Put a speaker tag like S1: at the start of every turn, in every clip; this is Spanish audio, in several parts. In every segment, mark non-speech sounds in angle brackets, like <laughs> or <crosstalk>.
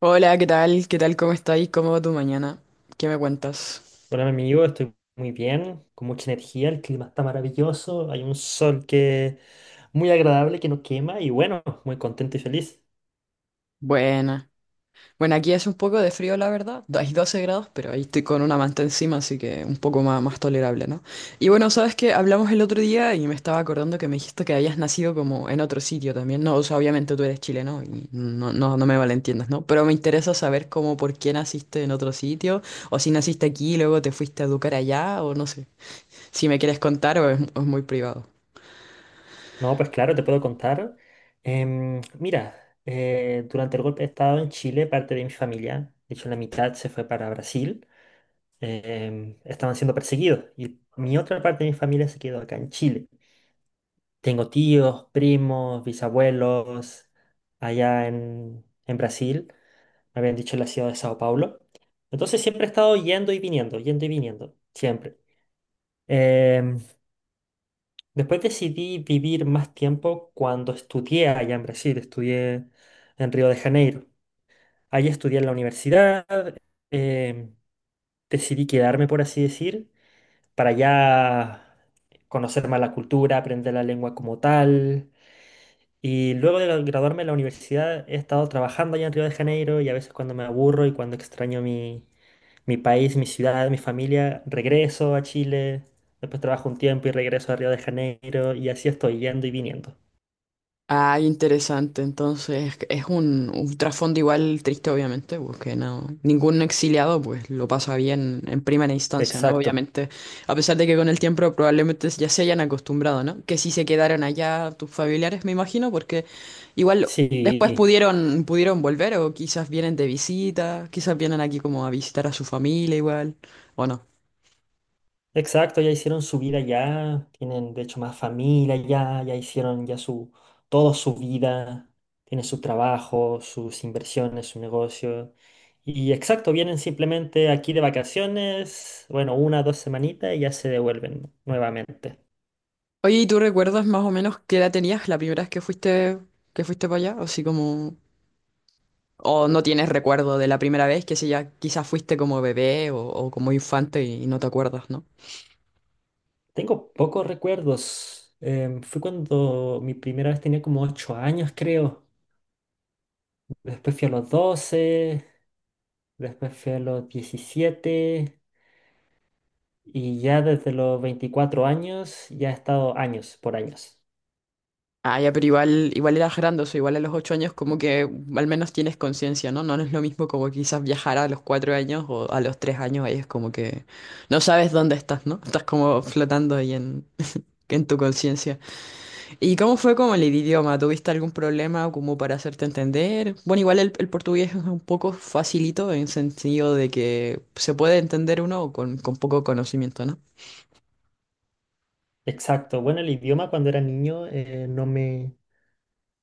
S1: Hola, ¿qué tal? ¿Cómo estáis? ¿Cómo va tu mañana? ¿Qué me cuentas?
S2: Hola, mi amigo, estoy muy bien, con mucha energía, el clima está maravilloso, hay un sol que muy agradable, que no quema y bueno, muy contento y feliz.
S1: Buena. Bueno, aquí hace un poco de frío, la verdad. Hay 12 grados, pero ahí estoy con una manta encima, así que un poco más tolerable, ¿no? Y bueno, sabes que hablamos el otro día y me estaba acordando que me dijiste que habías nacido como en otro sitio también, ¿no? O sea, obviamente tú eres chileno y no, no, no me malentiendas, ¿no? Pero me interesa saber cómo, por qué naciste en otro sitio, o si naciste aquí y luego te fuiste a educar allá, o no sé. Si me quieres contar o es muy privado.
S2: No, pues claro, te puedo contar. Mira, durante el golpe de estado en Chile, parte de mi familia, de hecho la mitad se fue para Brasil, estaban siendo perseguidos y mi otra parte de mi familia se quedó acá en Chile. Tengo tíos, primos, bisabuelos allá en Brasil. Me habían dicho en la ciudad de Sao Paulo. Entonces siempre he estado yendo y viniendo, siempre. Em, Después decidí vivir más tiempo cuando estudié allá en Brasil, estudié en Río de Janeiro. Allí estudié en la universidad, em, decidí quedarme, por así decir, para ya conocer más la cultura, aprender la lengua como tal. Y luego de graduarme de la universidad he estado trabajando allá en Río de Janeiro y a veces cuando me aburro y cuando extraño mi país, mi ciudad, mi familia, regreso a Chile, después trabajo un tiempo y regreso a Río de Janeiro y así estoy yendo y viniendo.
S1: Ah, interesante. Entonces, es un trasfondo igual triste, obviamente, porque no, ningún exiliado pues lo pasa bien en primera instancia, ¿no?
S2: Exacto.
S1: Obviamente, a pesar de que con el tiempo probablemente ya se hayan acostumbrado, ¿no? Que si se quedaron allá tus familiares, me imagino, porque igual después
S2: Sí,
S1: pudieron volver o quizás vienen de visita, quizás vienen aquí como a visitar a su familia igual, o no.
S2: exacto, ya hicieron su vida ya, tienen de hecho más familia ya, ya hicieron ya todo su vida, tienen su trabajo, sus inversiones, su negocio. Y exacto, vienen simplemente aquí de vacaciones, bueno, una dos semanitas y ya se devuelven nuevamente.
S1: Oye, ¿y tú recuerdas más o menos qué edad tenías la primera vez que fuiste para allá? Así como... O no tienes recuerdo de la primera vez, que si ya quizás fuiste como bebé o como infante y no te acuerdas, ¿no?
S2: Tengo pocos recuerdos. Fue cuando mi primera vez tenía como 8 años, creo. Después fui a los 12, después fui a los 17. Y ya desde los 24 años, ya he estado años por años.
S1: Ah, ya, pero igual eras grandoso, igual a los 8 años como que al menos tienes conciencia, ¿no? No es lo mismo como quizás viajar a los 4 años o a los 3 años, ahí es como que no sabes dónde estás, ¿no? Estás como flotando ahí en tu conciencia. ¿Y cómo fue con el idioma? ¿Tuviste algún problema como para hacerte entender? Bueno, igual el portugués es un poco facilito en sentido de que se puede entender uno con poco conocimiento, ¿no?
S2: Exacto. Bueno, el idioma cuando era niño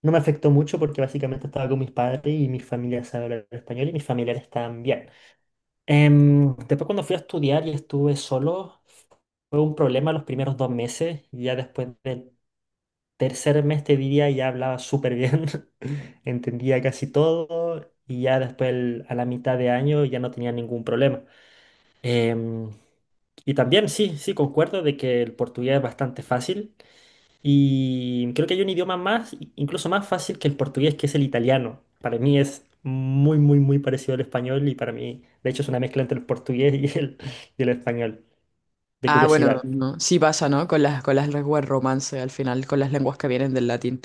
S2: no me afectó mucho porque básicamente estaba con mis padres y mi familia sabe hablar español y mis familiares también. Después cuando fui a estudiar y estuve solo, fue un problema los primeros 2 meses. Ya después del tercer mes, te diría, ya hablaba súper bien, <laughs> entendía casi todo y ya después a la mitad de año ya no tenía ningún problema. Em, Y también, sí, sí, concuerdo de que el portugués es bastante fácil y creo que hay un idioma más, incluso más fácil que el portugués, que es el italiano. Para mí es muy, muy, muy parecido al español y para mí, de hecho, es una mezcla entre el portugués y y el español, de
S1: Ah, bueno,
S2: curiosidad.
S1: no, sí pasa, ¿no? Con las lenguas romance al final, con las lenguas que vienen del latín.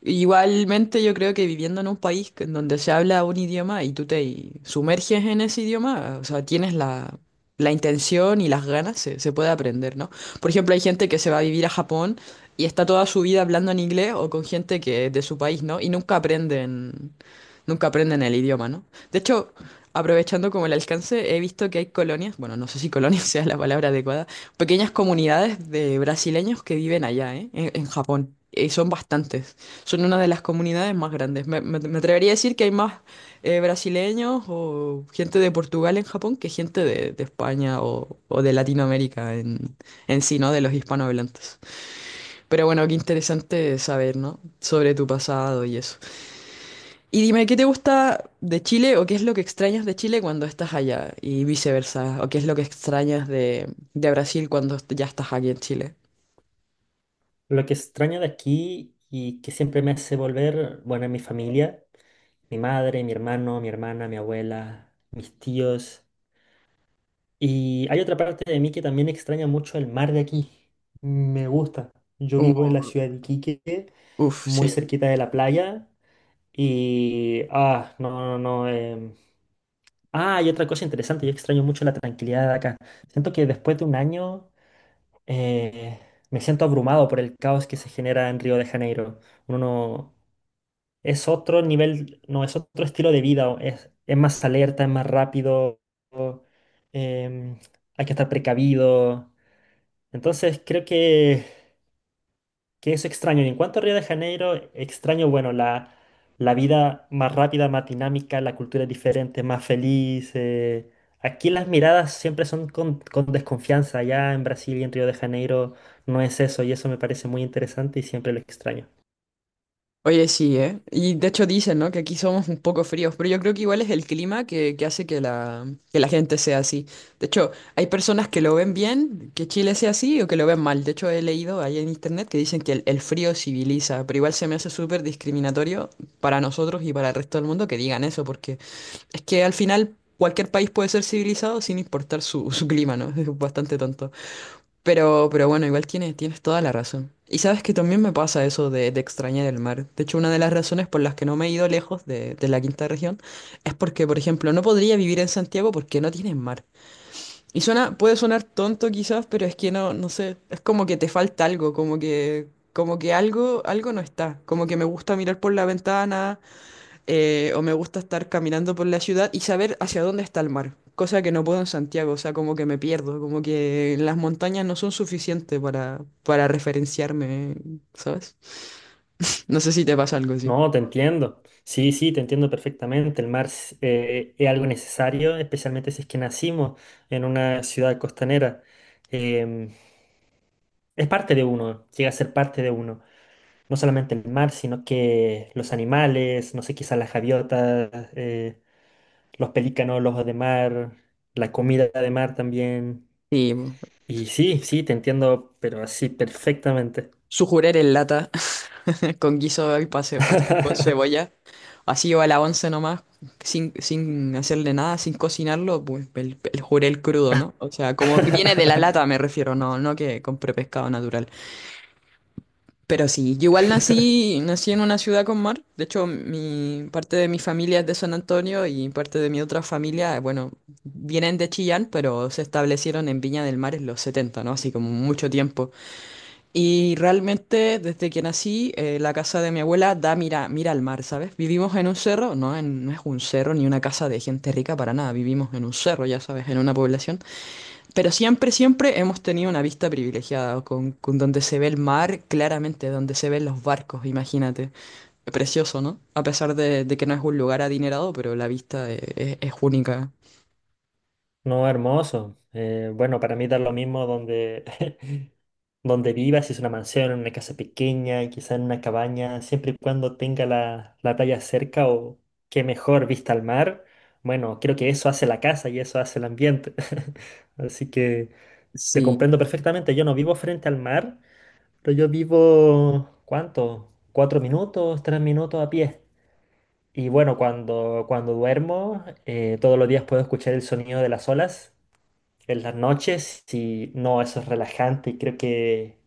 S1: Igualmente yo creo que viviendo en un país que- en donde se habla un idioma y tú te sumerges en ese idioma, o sea, tienes la, la intención y las ganas, se puede aprender, ¿no? Por ejemplo, hay gente que se va a vivir a Japón y está toda su vida hablando en inglés o con gente que es de su país, ¿no? Y nunca aprenden, nunca aprenden el idioma, ¿no? De hecho, aprovechando como el alcance, he visto que hay colonias, bueno, no sé si colonia <laughs> sea la palabra adecuada, pequeñas comunidades de brasileños que viven allá, ¿eh? En Japón. Y son bastantes. Son una de las comunidades más grandes. Me, me atrevería a decir que hay más brasileños o gente de Portugal en Japón que gente de España o de Latinoamérica en sí, ¿no? De los hispanohablantes. Pero bueno, qué interesante saber, ¿no? Sobre tu pasado y eso. Y dime, ¿qué te gusta de Chile o qué es lo que extrañas de Chile cuando estás allá y viceversa? ¿O qué es lo que extrañas de Brasil cuando ya estás aquí en Chile?
S2: Lo que extraño de aquí y que siempre me hace volver, bueno, es mi familia, mi madre, mi hermano, mi hermana, mi abuela, mis tíos. Y hay otra parte de mí que también extraña mucho el mar de aquí. Me gusta. Yo vivo en la
S1: Uh,
S2: ciudad de Iquique,
S1: uf,
S2: muy
S1: sí.
S2: cerquita de la playa. Y... Ah, no, no, no. Ah, y otra cosa interesante, yo extraño mucho la tranquilidad de acá. Siento que después de un año eh, me siento abrumado por el caos que se genera en Río de Janeiro. Uno no- Es otro nivel, no, es otro estilo de vida. O es más alerta, es más rápido. o, em, Hay que estar precavido. Entonces creo que eso extraño. Y en cuanto a Río de Janeiro, extraño, bueno, la vida más rápida, más dinámica, la cultura es diferente, más feliz. Aquí las miradas siempre son con desconfianza. Allá en Brasil y en Río de Janeiro no es eso y eso me parece muy interesante y siempre lo extraño.
S1: Oye, sí, ¿eh? Y de hecho dicen, ¿no? Que aquí somos un poco fríos, pero yo creo que igual es el clima que hace que la gente sea así. De hecho, hay personas que lo ven bien, que Chile sea así, o que lo ven mal. De hecho, he leído ahí en internet que dicen que el frío civiliza, pero igual se me hace súper discriminatorio para nosotros y para el resto del mundo que digan eso, porque es que al final cualquier país puede ser civilizado sin importar su, <laughs> su clima, ¿no? <laughs> Es bastante tonto. Pero bueno, igual tienes, tienes toda la razón. Y sabes que también me pasa eso de extrañar el mar. De hecho, una de las razones por las que no me he ido lejos de la quinta región es porque, por ejemplo, no podría vivir en Santiago porque no tienen mar. Y suena, puede sonar tonto quizás, pero es que no sé, es como que te falta algo, como que algo no está. Como que me gusta mirar por la ventana, o me gusta estar caminando por la ciudad y saber hacia dónde está el mar, cosa que no puedo en Santiago, o sea, como que me pierdo, como que las montañas no son suficientes para referenciarme, ¿sabes? No sé si te pasa algo así.
S2: No, te entiendo. Sí, sí, te entiendo perfectamente. El mar es algo necesario, especialmente si es que nacimos en una ciudad costanera. Em, es parte de uno, llega a ser parte de uno. No solamente el mar, sino que los animales, no sé, quizás las gaviotas, los pelícanos, los ojos de mar, la comida de mar también.
S1: Y
S2: Y sí, sí, te entiendo, pero así perfectamente.
S1: sujurer en lata <laughs> con guiso y pase con
S2: <laughs>
S1: cebolla, así o a la once nomás, sin hacerle nada, sin cocinarlo, pues el jurel crudo, ¿no? O sea, como que viene de la lata me refiero, no, no que compré pescado natural. Pero sí, yo igual nací en una ciudad con mar. De hecho, mi parte de mi familia es de San Antonio y parte de mi otra familia, bueno, vienen de Chillán, pero se establecieron en Viña del Mar en los 70, ¿no? Así como mucho tiempo. Y realmente, desde que nací, la casa de mi abuela da mira al mar, ¿sabes? Vivimos en un cerro, no, no es un cerro ni una casa de gente rica para nada. Vivimos en un cerro, ya sabes, en una población. Pero siempre, siempre hemos tenido una vista privilegiada, con donde se ve el mar claramente, donde se ven los barcos, imagínate. Precioso, ¿no? A pesar de que no es un lugar adinerado, pero la vista es, única.
S2: No, hermoso. Bueno, para mí da lo mismo donde, <laughs> donde viva, si es una mansión, en una casa pequeña, quizá en una cabaña, siempre y cuando tenga la playa cerca o qué mejor vista al mar, bueno, creo que eso hace la casa y eso hace el ambiente. <laughs> Así que te
S1: Sí.
S2: comprendo perfectamente. Yo no vivo frente al mar, pero yo vivo, ¿cuánto? Cuatro minutos, tres minutos a pie. Y bueno, cuando duermo, todos los días puedo escuchar el sonido de las olas en las noches y no, eso es relajante y creo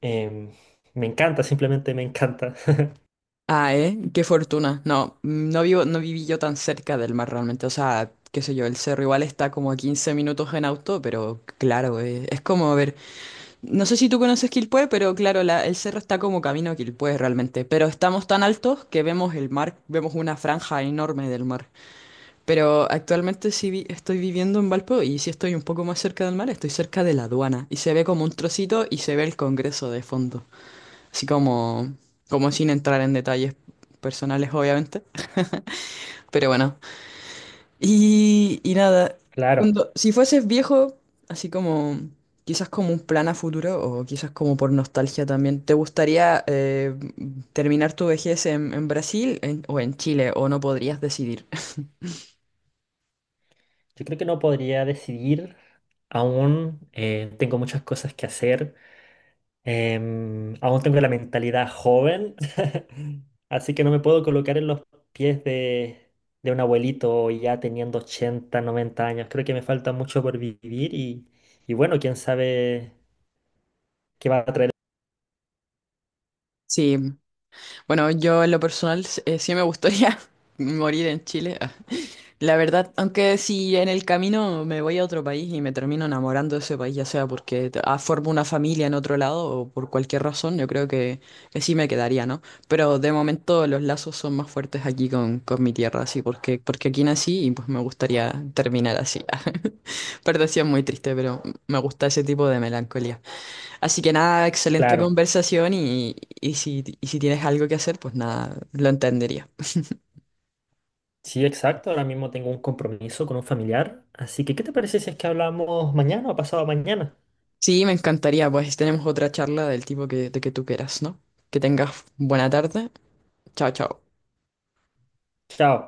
S2: Em, me encanta, simplemente me encanta. <laughs>
S1: Ah, ¿eh? Qué fortuna. No, no viví yo tan cerca del mar realmente. O sea, qué sé yo, el cerro igual está como a 15 minutos en auto, pero claro, es como ver. No sé si tú conoces Quilpué, pero claro, el cerro está como camino a Quilpué realmente. Pero estamos tan altos que vemos el mar, vemos una franja enorme del mar. Pero actualmente sí estoy viviendo en Valpo y sí estoy un poco más cerca del mar, estoy cerca de la aduana. Y se ve como un trocito y se ve el Congreso de fondo. Así como, como sin entrar en detalles personales, obviamente. Pero bueno, y nada,
S2: Claro,
S1: cuando, si fueses viejo, así como quizás como un plan a futuro o quizás como por nostalgia también, ¿te gustaría terminar tu vejez en Brasil en- o en Chile o no podrías decidir? <laughs>
S2: yo creo que no podría decidir aún. Tengo muchas cosas que hacer. Aún tengo la mentalidad joven. <laughs> Así que no me puedo colocar en los pies de un abuelito ya teniendo 80, 90 años. Creo que me falta mucho por vivir y bueno, quién sabe qué va a traer.
S1: Sí, bueno, yo en lo personal sí me gustaría <laughs> morir en Chile. Ah, la verdad, aunque si en el camino me voy a otro país y me termino enamorando de ese país, ya sea porque formo una familia en otro lado o por cualquier razón, yo creo que sí me quedaría, ¿no? Pero de momento los lazos son más fuertes aquí con mi tierra, así, porque, porque aquí nací y pues me gustaría terminar así. <laughs> Perdón, sí es muy triste, pero me gusta ese tipo de melancolía. Así que nada, excelente
S2: Claro,
S1: conversación y, y si tienes algo que hacer, pues nada, lo entendería.
S2: sí, exacto. Ahora mismo tengo un compromiso con un familiar. Así que, ¿qué te parece si es que hablamos mañana o pasado mañana?
S1: Sí, me encantaría. Pues tenemos otra charla del tipo de que tú quieras, ¿no? Que tengas buena tarde. Chao, chao.
S2: Chao.